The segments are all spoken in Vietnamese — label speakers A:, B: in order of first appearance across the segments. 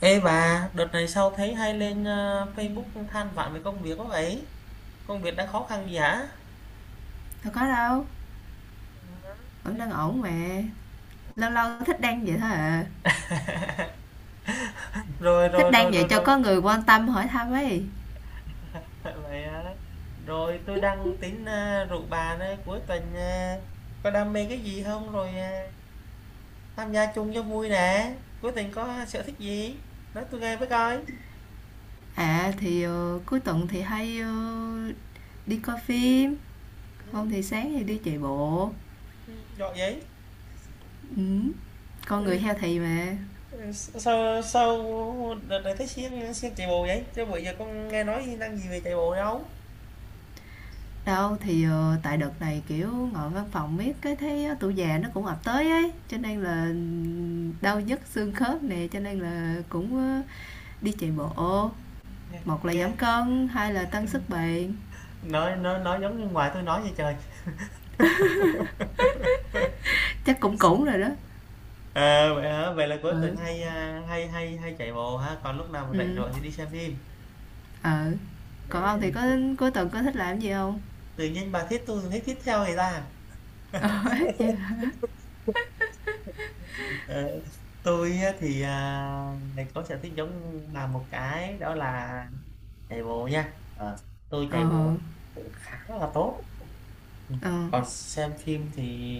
A: Ê bà, đợt này sao thấy hay lên Facebook than vãn về công việc quá vậy? Công việc đang khó khăn gì hả?
B: Đâu có đâu,
A: Ừ,
B: vẫn
A: đấy.
B: đang ổn mà. Lâu lâu thích đăng vậy thôi à.
A: Rồi
B: Thích
A: rồi rồi
B: đăng
A: rồi
B: vậy cho
A: rồi.
B: có người quan tâm hỏi thăm ấy.
A: Vậy hả? Rồi tôi đang tính rủ bà đây cuối tuần có đam mê cái gì không rồi tham gia chung cho vui nè. Cuối tuần có sở thích gì? Nói tôi nghe với coi.
B: Cuối tuần thì hay đi coi phim,
A: Ừ,
B: không thì sáng thì đi chạy bộ.
A: ừ, giỏi vậy.
B: Ừ. Con
A: Ừ,
B: người healthy mà.
A: ừ, Sao sao đợt này thấy siêng siêng chạy bộ vậy? Chứ bữa giờ con nghe nói năng gì về chạy bộ đâu?
B: Tại đợt này kiểu ngồi văn phòng miết cái thấy tuổi già nó cũng ập tới ấy, cho nên là đau nhức xương khớp nè, cho nên là cũng đi chạy bộ.
A: nghe
B: Một là
A: nghe
B: giảm cân, hai là tăng sức bền.
A: Nói giống như ngoài tôi nói vậy trời.
B: Chắc cũng cũng rồi đó.
A: Ờ, vậy hả? Vậy là cuối tuần
B: Ừ.
A: hay, hay chạy bộ ha, còn lúc nào mà rảnh
B: ừ
A: rỗi thì đi xem phim.
B: ờ Còn
A: Thế
B: ông thì có
A: à,
B: cuối tuần có thích làm gì không?
A: tự nhiên bà thích tôi thấy thích theo người ta.
B: ờ dạ.
A: Ờ, tôi á thì, à, ngày có sở thích giống bà một cái đó là chạy bộ nha. Ờ, tôi
B: ờ
A: chạy bộ cũng khá là tốt. Ừ.
B: ờ
A: Còn xem phim thì,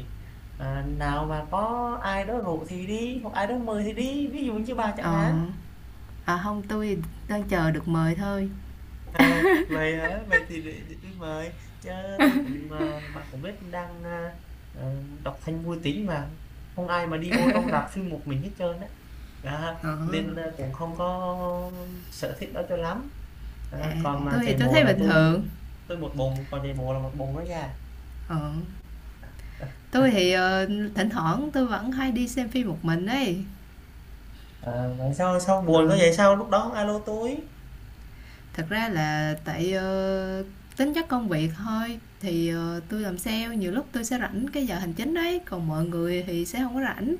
A: à, nào mà có ai đó rủ thì đi, hoặc ai đó mời thì đi, ví dụ như bà chẳng
B: ờ
A: hạn.
B: À không, tôi thì đang chờ được mời thôi.
A: Vậy hả, vậy thì để tôi mời chứ. Tôi cũng mà bạn cũng biết đang à, đọc thanh vui tính mà không ai mà đi vô trong rạp phim một mình hết trơn á. Đó,
B: ờ
A: nên à, cũng không có sở thích đó cho lắm. Đó,
B: À
A: còn mà
B: tôi thì
A: chạy
B: tôi
A: bộ
B: thấy
A: là
B: bình
A: tôi
B: thường.
A: tôi một bồn còn chạy bộ là một bồn đó nha.
B: ờ tôi thì thỉnh thoảng tôi vẫn hay đi xem phim một mình ấy.
A: À, vậy sao sao buồn
B: ờ
A: có vậy sao lúc đó alo tôi.
B: Thật ra là tại tính chất công việc thôi thì tôi làm sale, nhiều lúc tôi sẽ rảnh cái giờ hành chính đấy, còn mọi người thì sẽ không có rảnh.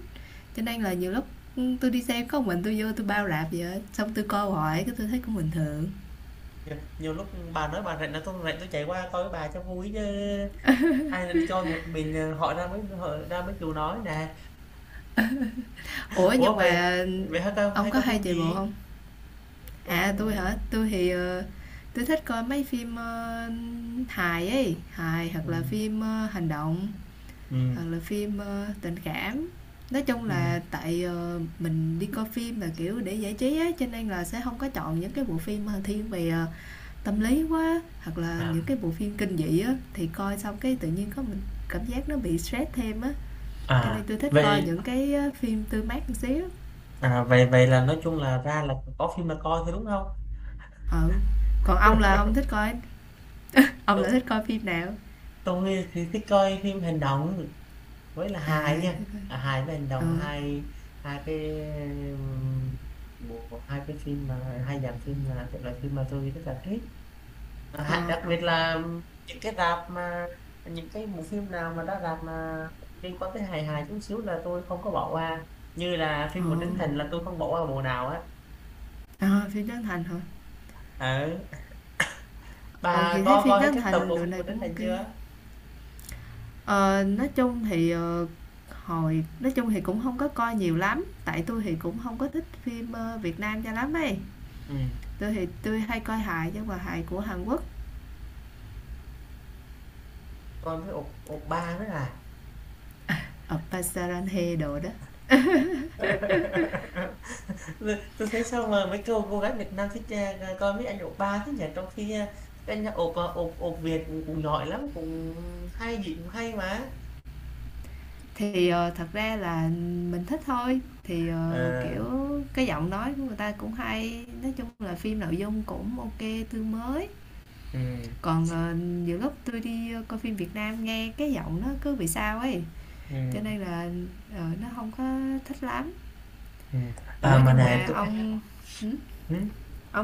B: Cho nên là nhiều lúc, ừ, tôi đi xem có mình tôi, vô tôi bao rạp vậy á, xong tôi coi hoài cái tôi thấy cũng bình thường.
A: Nhiều, nhiều lúc bà nói bà rảnh là tôi rảnh tôi chạy qua coi với bà cho vui chứ, ai là đi coi một mình à, hỏi ra mới họ ra mới chịu nói nè.
B: Ủa, nhưng
A: Ủa, vậy
B: mà
A: vậy hả ta
B: ông
A: hay
B: có
A: coi
B: hay
A: phim
B: chạy bộ
A: gì?
B: không?
A: Tối
B: À,
A: à.
B: tôi hả? Tôi thì, ờ, tui thích coi mấy phim, ơ, hài ấy, hài hoặc
A: Ừ,
B: là phim, ơ, hành động,
A: ừ,
B: hoặc là phim, ơ, tình cảm. Nói chung
A: ừm.
B: là tại, ờ, mình đi coi phim là, kiểu, để giải trí á, cho nên là sẽ không có chọn những cái bộ phim, ờ, thiên về, ờ, tâm lý quá hoặc là
A: À,
B: những cái bộ phim kinh dị á, thì coi xong cái tự nhiên có mình cảm giác nó bị stress thêm á, cho nên
A: à,
B: tôi thích coi
A: vậy
B: những cái phim tươi mát một xíu.
A: à, vậy vậy là nói chung là ra là có phim là coi thôi đúng không?
B: Ừ, còn ông là ông thích coi, ông là
A: Tôi
B: thích coi phim nào?
A: tôi nghĩ thì thích coi phim hành động với là hài nha.
B: à
A: À, hài với hành
B: ờ
A: động là hai hai cái, ừm, bộ hai cái phim mà hai dàn phim là loại phim mà tôi rất là thích. Hạn đặc biệt là những cái rạp mà những cái bộ phim nào mà đã rạp mà liên quan tới hài hài chút xíu là tôi không có bỏ qua, như là
B: ờ
A: phim của Trấn Thành là tôi không bỏ qua bộ nào á.
B: ờ À, phim Trấn Thành hả?
A: Ừ.
B: Ừ
A: Bà
B: thì thấy
A: có
B: phim
A: coi hết
B: Trấn
A: các tập
B: Thành
A: của
B: độ
A: phim của
B: này cũng
A: Trấn Thành
B: ok.
A: chưa?
B: Ờ nói chung thì hồi nói chung thì cũng không có coi nhiều lắm, tại tôi thì cũng không có thích phim Việt Nam cho lắm ấy.
A: Ừ,
B: Tôi thì tôi hay coi hài chứ, mà hài của Hàn Quốc.
A: coi với ột ột ba nữa à.
B: Ờ, Pasarante đồ đó.
A: Tôi thấy sao mà mấy cô gái Việt Nam thích, à, coi mấy anh ột ba thế nhỉ, trong khi à, các anh ột à, ột ột Việt cũng giỏi lắm, cũng hay gì cũng hay mà.
B: Thì, ờ, thật ra là mình thích thôi, thì, ờ,
A: Ờ,
B: kiểu, cái giọng nói của người ta cũng hay, nói chung là phim nội dung cũng ok, tươi mới.
A: ừ.
B: Còn, ờ, nhiều lúc tôi đi coi phim Việt Nam nghe cái giọng nó cứ bị sao ấy,
A: Ừ.
B: cho nên là, ờ, nó không có thích lắm.
A: Ừ. À
B: Ủa,
A: mà
B: nhưng
A: nè
B: mà
A: tôi,
B: ông hửm?
A: ừ,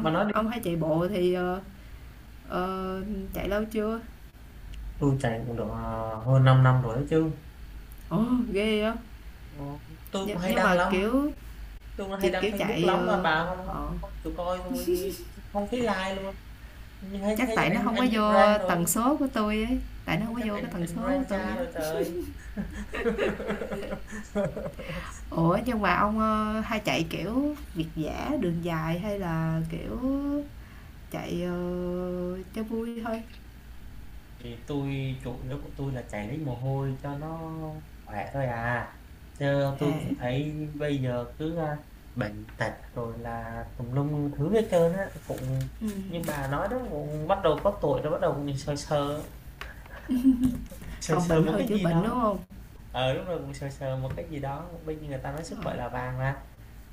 A: bà nói đi.
B: ông hay chạy bộ thì, ờ, ờ, chạy lâu chưa?
A: Tôi chạy cũng được hơn 5 năm rồi đấy chứ.
B: Ồ, ghê vậy!
A: Ờ, tôi cũng
B: Nhưng
A: hay
B: nhưng
A: đăng
B: mà,
A: lắm,
B: kiểu,
A: tôi cũng hay
B: chỉ,
A: đăng
B: kiểu,
A: Facebook
B: chạy,
A: lắm mà
B: ờ,
A: bà không, không,
B: ờ.
A: không chịu coi tôi, không thấy like luôn, như hay
B: Chắc
A: thấy
B: tại nó
A: anh
B: không có
A: anh anh
B: vô
A: rant rồi,
B: tần số của tôi ấy, tại nó
A: hay
B: không có
A: chắc
B: vô cái
A: anh
B: tần
A: anh
B: số của
A: rant
B: tôi
A: cha
B: á.
A: rồi trời.
B: Ủa, nhưng mà ông, ơ, hay chạy, kiểu, việt dã, đường dài hay là, kiểu, chạy, ờ, cho vui thôi?
A: Thì tôi chủ yếu của tôi là chảy lấy mồ hôi cho nó khỏe thôi à, chứ tôi
B: À,
A: cũng thấy bây giờ cứ à, bệnh tật rồi là tùm lum thứ hết trơn á, cũng như
B: ừm,
A: bà nói đó, cũng bắt đầu có tuổi rồi, bắt đầu cũng sờ sờ sờ
B: phòng
A: sờ
B: bệnh
A: một
B: hơn
A: cái
B: chữa
A: gì
B: bệnh, đúng
A: đó,
B: không?
A: ờ lúc rồi cũng sờ sờ một cái gì đó. Bây giờ người ta nói sức
B: Ờ,
A: khỏe là vàng mà.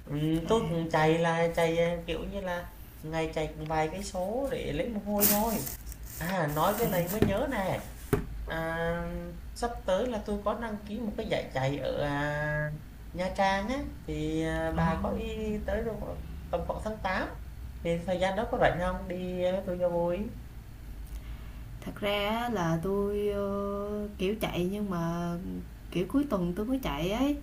A: Ừ,
B: à,
A: tôi cũng chạy là chạy à, kiểu như là ngày chạy cũng vài cái số để lấy mồ hôi thôi. À nói cái này mới
B: à,
A: nhớ nè. À, sắp tới là tôi có đăng ký một cái giải chạy ở Nha Trang á thì à,
B: ờ.
A: bà có ý tới đâu ạ? Tầm khoảng tháng 8, thì thời gian đó có rảnh không đi à, với tôi cho vui.
B: Thật ra á là tôi ơ, kiểu, chạy nhưng mà, kiểu, cuối tuần tôi mới chạy ấy.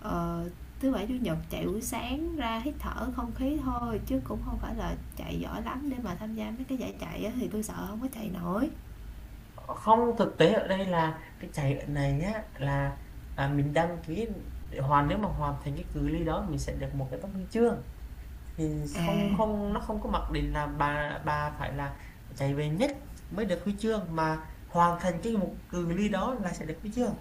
B: Ờ, thứ bảy chủ nhật chạy buổi sáng ra hít thở không khí thôi, chứ cũng không phải là chạy giỏi lắm để mà tham gia mấy cái giải chạy á, thì tôi sợ không có chạy nổi.
A: Không, thực tế ở đây là cái chạy ở này á là à, mình đăng ký để hoàn nếu mà hoàn thành cái cự ly đó mình sẽ được một cái tấm huy chương thì không
B: à
A: không nó không có mặc định là bà phải là chạy về nhất mới được huy chương, mà hoàn thành cái một cự ly đó là sẽ được huy chương.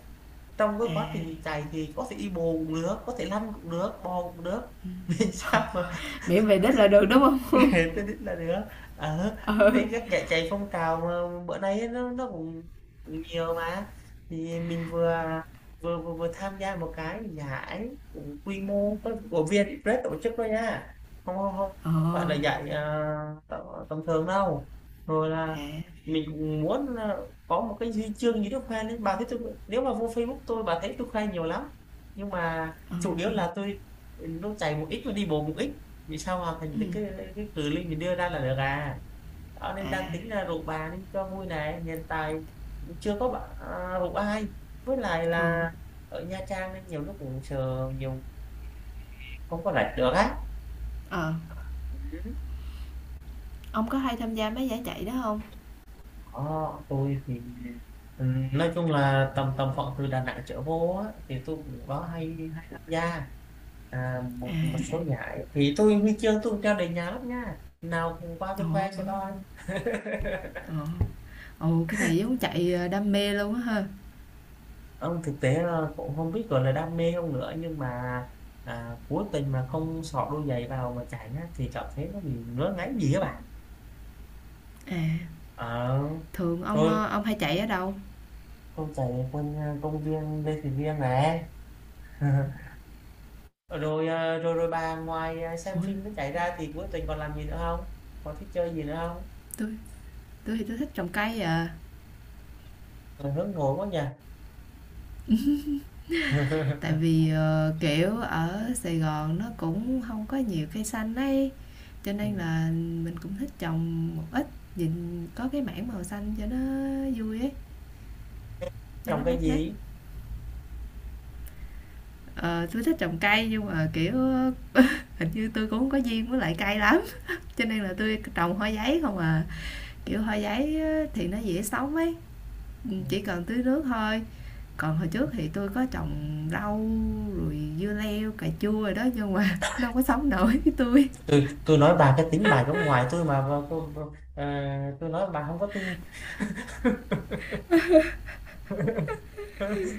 A: Trong cái
B: à
A: quá trình chạy thì có thể đi bồ cũng được, có thể lăn cũng được, bò cũng được. Miễn sao mà
B: Miễn về đích là được đúng không?
A: tôi định là được. Ờ,
B: ừ
A: đấy các dạy chạy phong trào mà bữa nay nó cũng cũng nhiều mà. Thì mình vừa tham gia một cái giải cũng quy mô có- của Vietpress tổ chức thôi nha, không không không,
B: ờ
A: không phải là giải tầm tầm thường đâu. Rồi là
B: à
A: mình cũng muốn là có một cái huy chương gì đó khoe lên, bà thấy tôi, nếu mà vô Facebook tôi bà thấy tôi khoe nhiều lắm, nhưng mà
B: ờ
A: chủ yếu là tôi, ừ, nó chạy một ít và đi bộ một ít vì sao hoàn thành
B: ừ
A: được cái cự ly mình đưa ra là được à. Đó nên đang
B: à
A: tính là rủ bà nên cho vui này, hiện tại chưa có bạn à, rủ ai với lại
B: ờ
A: là ở Nha Trang nên nhiều lúc cũng sợ nhiều không có rảnh được á.
B: ờ
A: Ừ.
B: ông có hay tham gia mấy giải chạy đó không?
A: Đó, tôi thì, ừ, nói chung là tầm tầm khoảng từ Đà Nẵng trở vô á, thì tôi cũng có hay hay tham gia, à, một số giải thì tôi huy chương tôi cũng treo đầy nhà lắm nha, nào cùng qua
B: Trời
A: tôi khoe cho
B: ơi.
A: coi.
B: ờ Ồ, cái này giống chạy đam mê luôn á ha.
A: Ông thực tế là cũng không biết, gọi là, đam mê không nữa, nhưng mà, à, cố tình mà không xỏ đôi giày vào mà chạy á, thì cảm thấy nó bị ngứa ngáy gì các bạn.
B: À,
A: Ờ,
B: thường ông
A: rồi
B: ờ, ông hay chạy ở đâu?
A: con chạy ở quanh, a, công viên Lê Thị Riêng này. Rồi, à, rồi rồi bà ngoài, à, xem
B: Ủa,
A: phim với chạy ra thì cuối tuần còn làm gì nữa không? Còn thích chơi gì nữa không?
B: tôi tôi thì tôi thích trồng cây à.
A: Ờ, hướng nội quá nhỉ?
B: Tại vì, ờ, kiểu, ở Sài Gòn nó cũng không có nhiều cây xanh ấy, cho nên
A: Ừm,
B: là mình cũng thích trồng một ít, nhìn có cái mảng màu xanh cho nó vui ấy, cho
A: trồng
B: nó
A: cái
B: mát mát.
A: gì?
B: Ờ, tui thích trồng cây nhưng mà, kiểu, hình như tôi cũng hông có duyên với lại cây lắm, cho nên là tôi trồng hoa giấy không à. Kiểu, hoa giấy thì nó dễ sống ấy,
A: Ừm,
B: chỉ cần tưới nước thôi. Còn hồi trước thì tôi có trồng rau rồi dưa leo, cà chua rồi đó nhưng mà nó hông có sống nổi với tôi.
A: tui nói bà cái tính bà giống ngoài tôi mà tôi nói bà không có tin.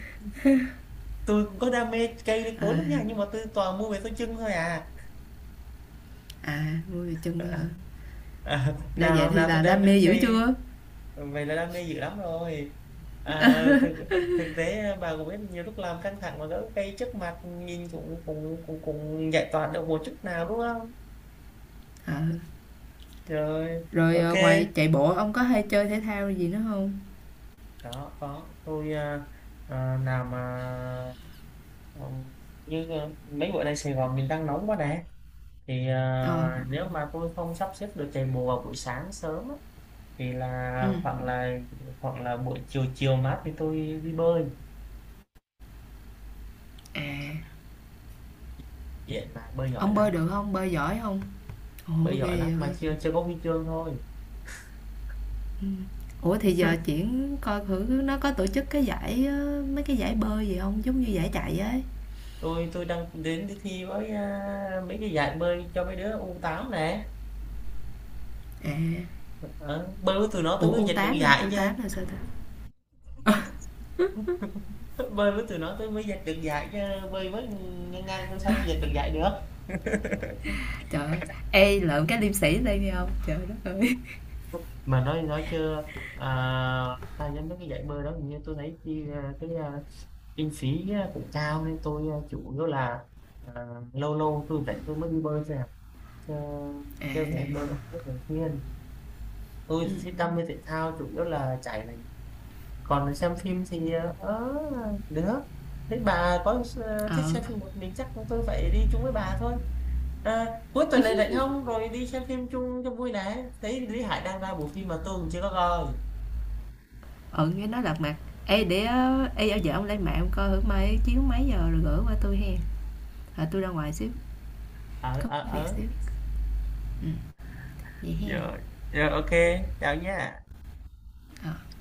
A: Tôi cũng có đam mê cây đến cối lắm nha, nhưng mà tôi toàn mua về tôi chưng thôi à.
B: À, vui chân cơ hả?
A: À, à
B: Đã vậy
A: nào
B: thì
A: nào tôi
B: là
A: đam
B: đam
A: mê
B: mê dữ
A: cây,
B: chưa?
A: vậy là đam mê dữ lắm rồi. À, thực thực tế à, bà cũng biết nhiều lúc làm căng thẳng mà gỡ cây trước mặt nhìn cũng cũng cũng cũng giải tỏa được một chút nào đúng không? Rồi
B: Rồi
A: ok.
B: ờ, ngoài chạy bộ ông có hay chơi thể thao gì nữa không?
A: Có tôi à, à, nào mà, ừm, như à, mấy bữa nay Sài Gòn mình đang nóng quá nè, thì
B: Ờ,
A: à, nếu mà tôi không sắp xếp được chạy bộ vào buổi sáng sớm á, thì
B: ừ.
A: là khoảng là hoặc là buổi chiều chiều mát thì tôi đi bơi,
B: À,
A: biển mà
B: ông bơi được không? Bơi giỏi không? Ủa
A: bơi giỏi
B: ghê
A: lắm
B: vậy hả?
A: mà chưa chưa có huy chương thôi.
B: Ủa thì giờ chuyển coi thử nó có tổ chức cái giải mấy cái giải bơi gì không? Giống như giải chạy ấy.
A: Tôi đang đến đi thi với à, mấy cái giải bơi cho mấy đứa u tám nè.
B: À,
A: Ờ, bơi với tụi nó tôi
B: ủa
A: mới
B: u
A: giành được
B: tám hả?
A: giải
B: u
A: chứ.
B: tám là sao ta?
A: Bơi với tụi nó tôi mới giành được giải chứ, bơi với ngang ngang tôi sao tôi giành được giải được.
B: Trời ơi, ê lượm cái liêm sĩ lên đi ông. Trời đất ơi.
A: Mà nói chưa à, ta nhắm mấy cái giải bơi đó hình như tôi thấy chi à, cái à, kinh phí cũng cao nên tôi chủ yếu là ờ, lâu lâu tôi rảnh tôi mới đi bơi thôi à, chứ chứ cũng
B: À,
A: bơi không có không thường xuyên. Tôi
B: ừ.
A: thì thích đam mê thể thao chủ yếu là chạy này, còn xem phim thì ờ, ở nữa. Thế bà có thích
B: Ờ,
A: xem phim một mình chắc chúng tôi phải đi chung với bà thôi, à, cuối tuần này rảnh không rồi đi xem phim chung cho vui này, thấy Lý Hải đang ra bộ phim mà tôi cũng chưa có coi.
B: ừ cái nói lật mặt. Ê để ờ, ê ở vợ ông lên mạng ông coi thử mai chiếu mấy giờ rồi gửi qua tôi hen. À, tôi ra ngoài xíu,
A: ở
B: có
A: ở
B: việc
A: ở
B: xíu. Ừ vậy hen.
A: Rồi, rồi ok, chào nhé.
B: Ờ.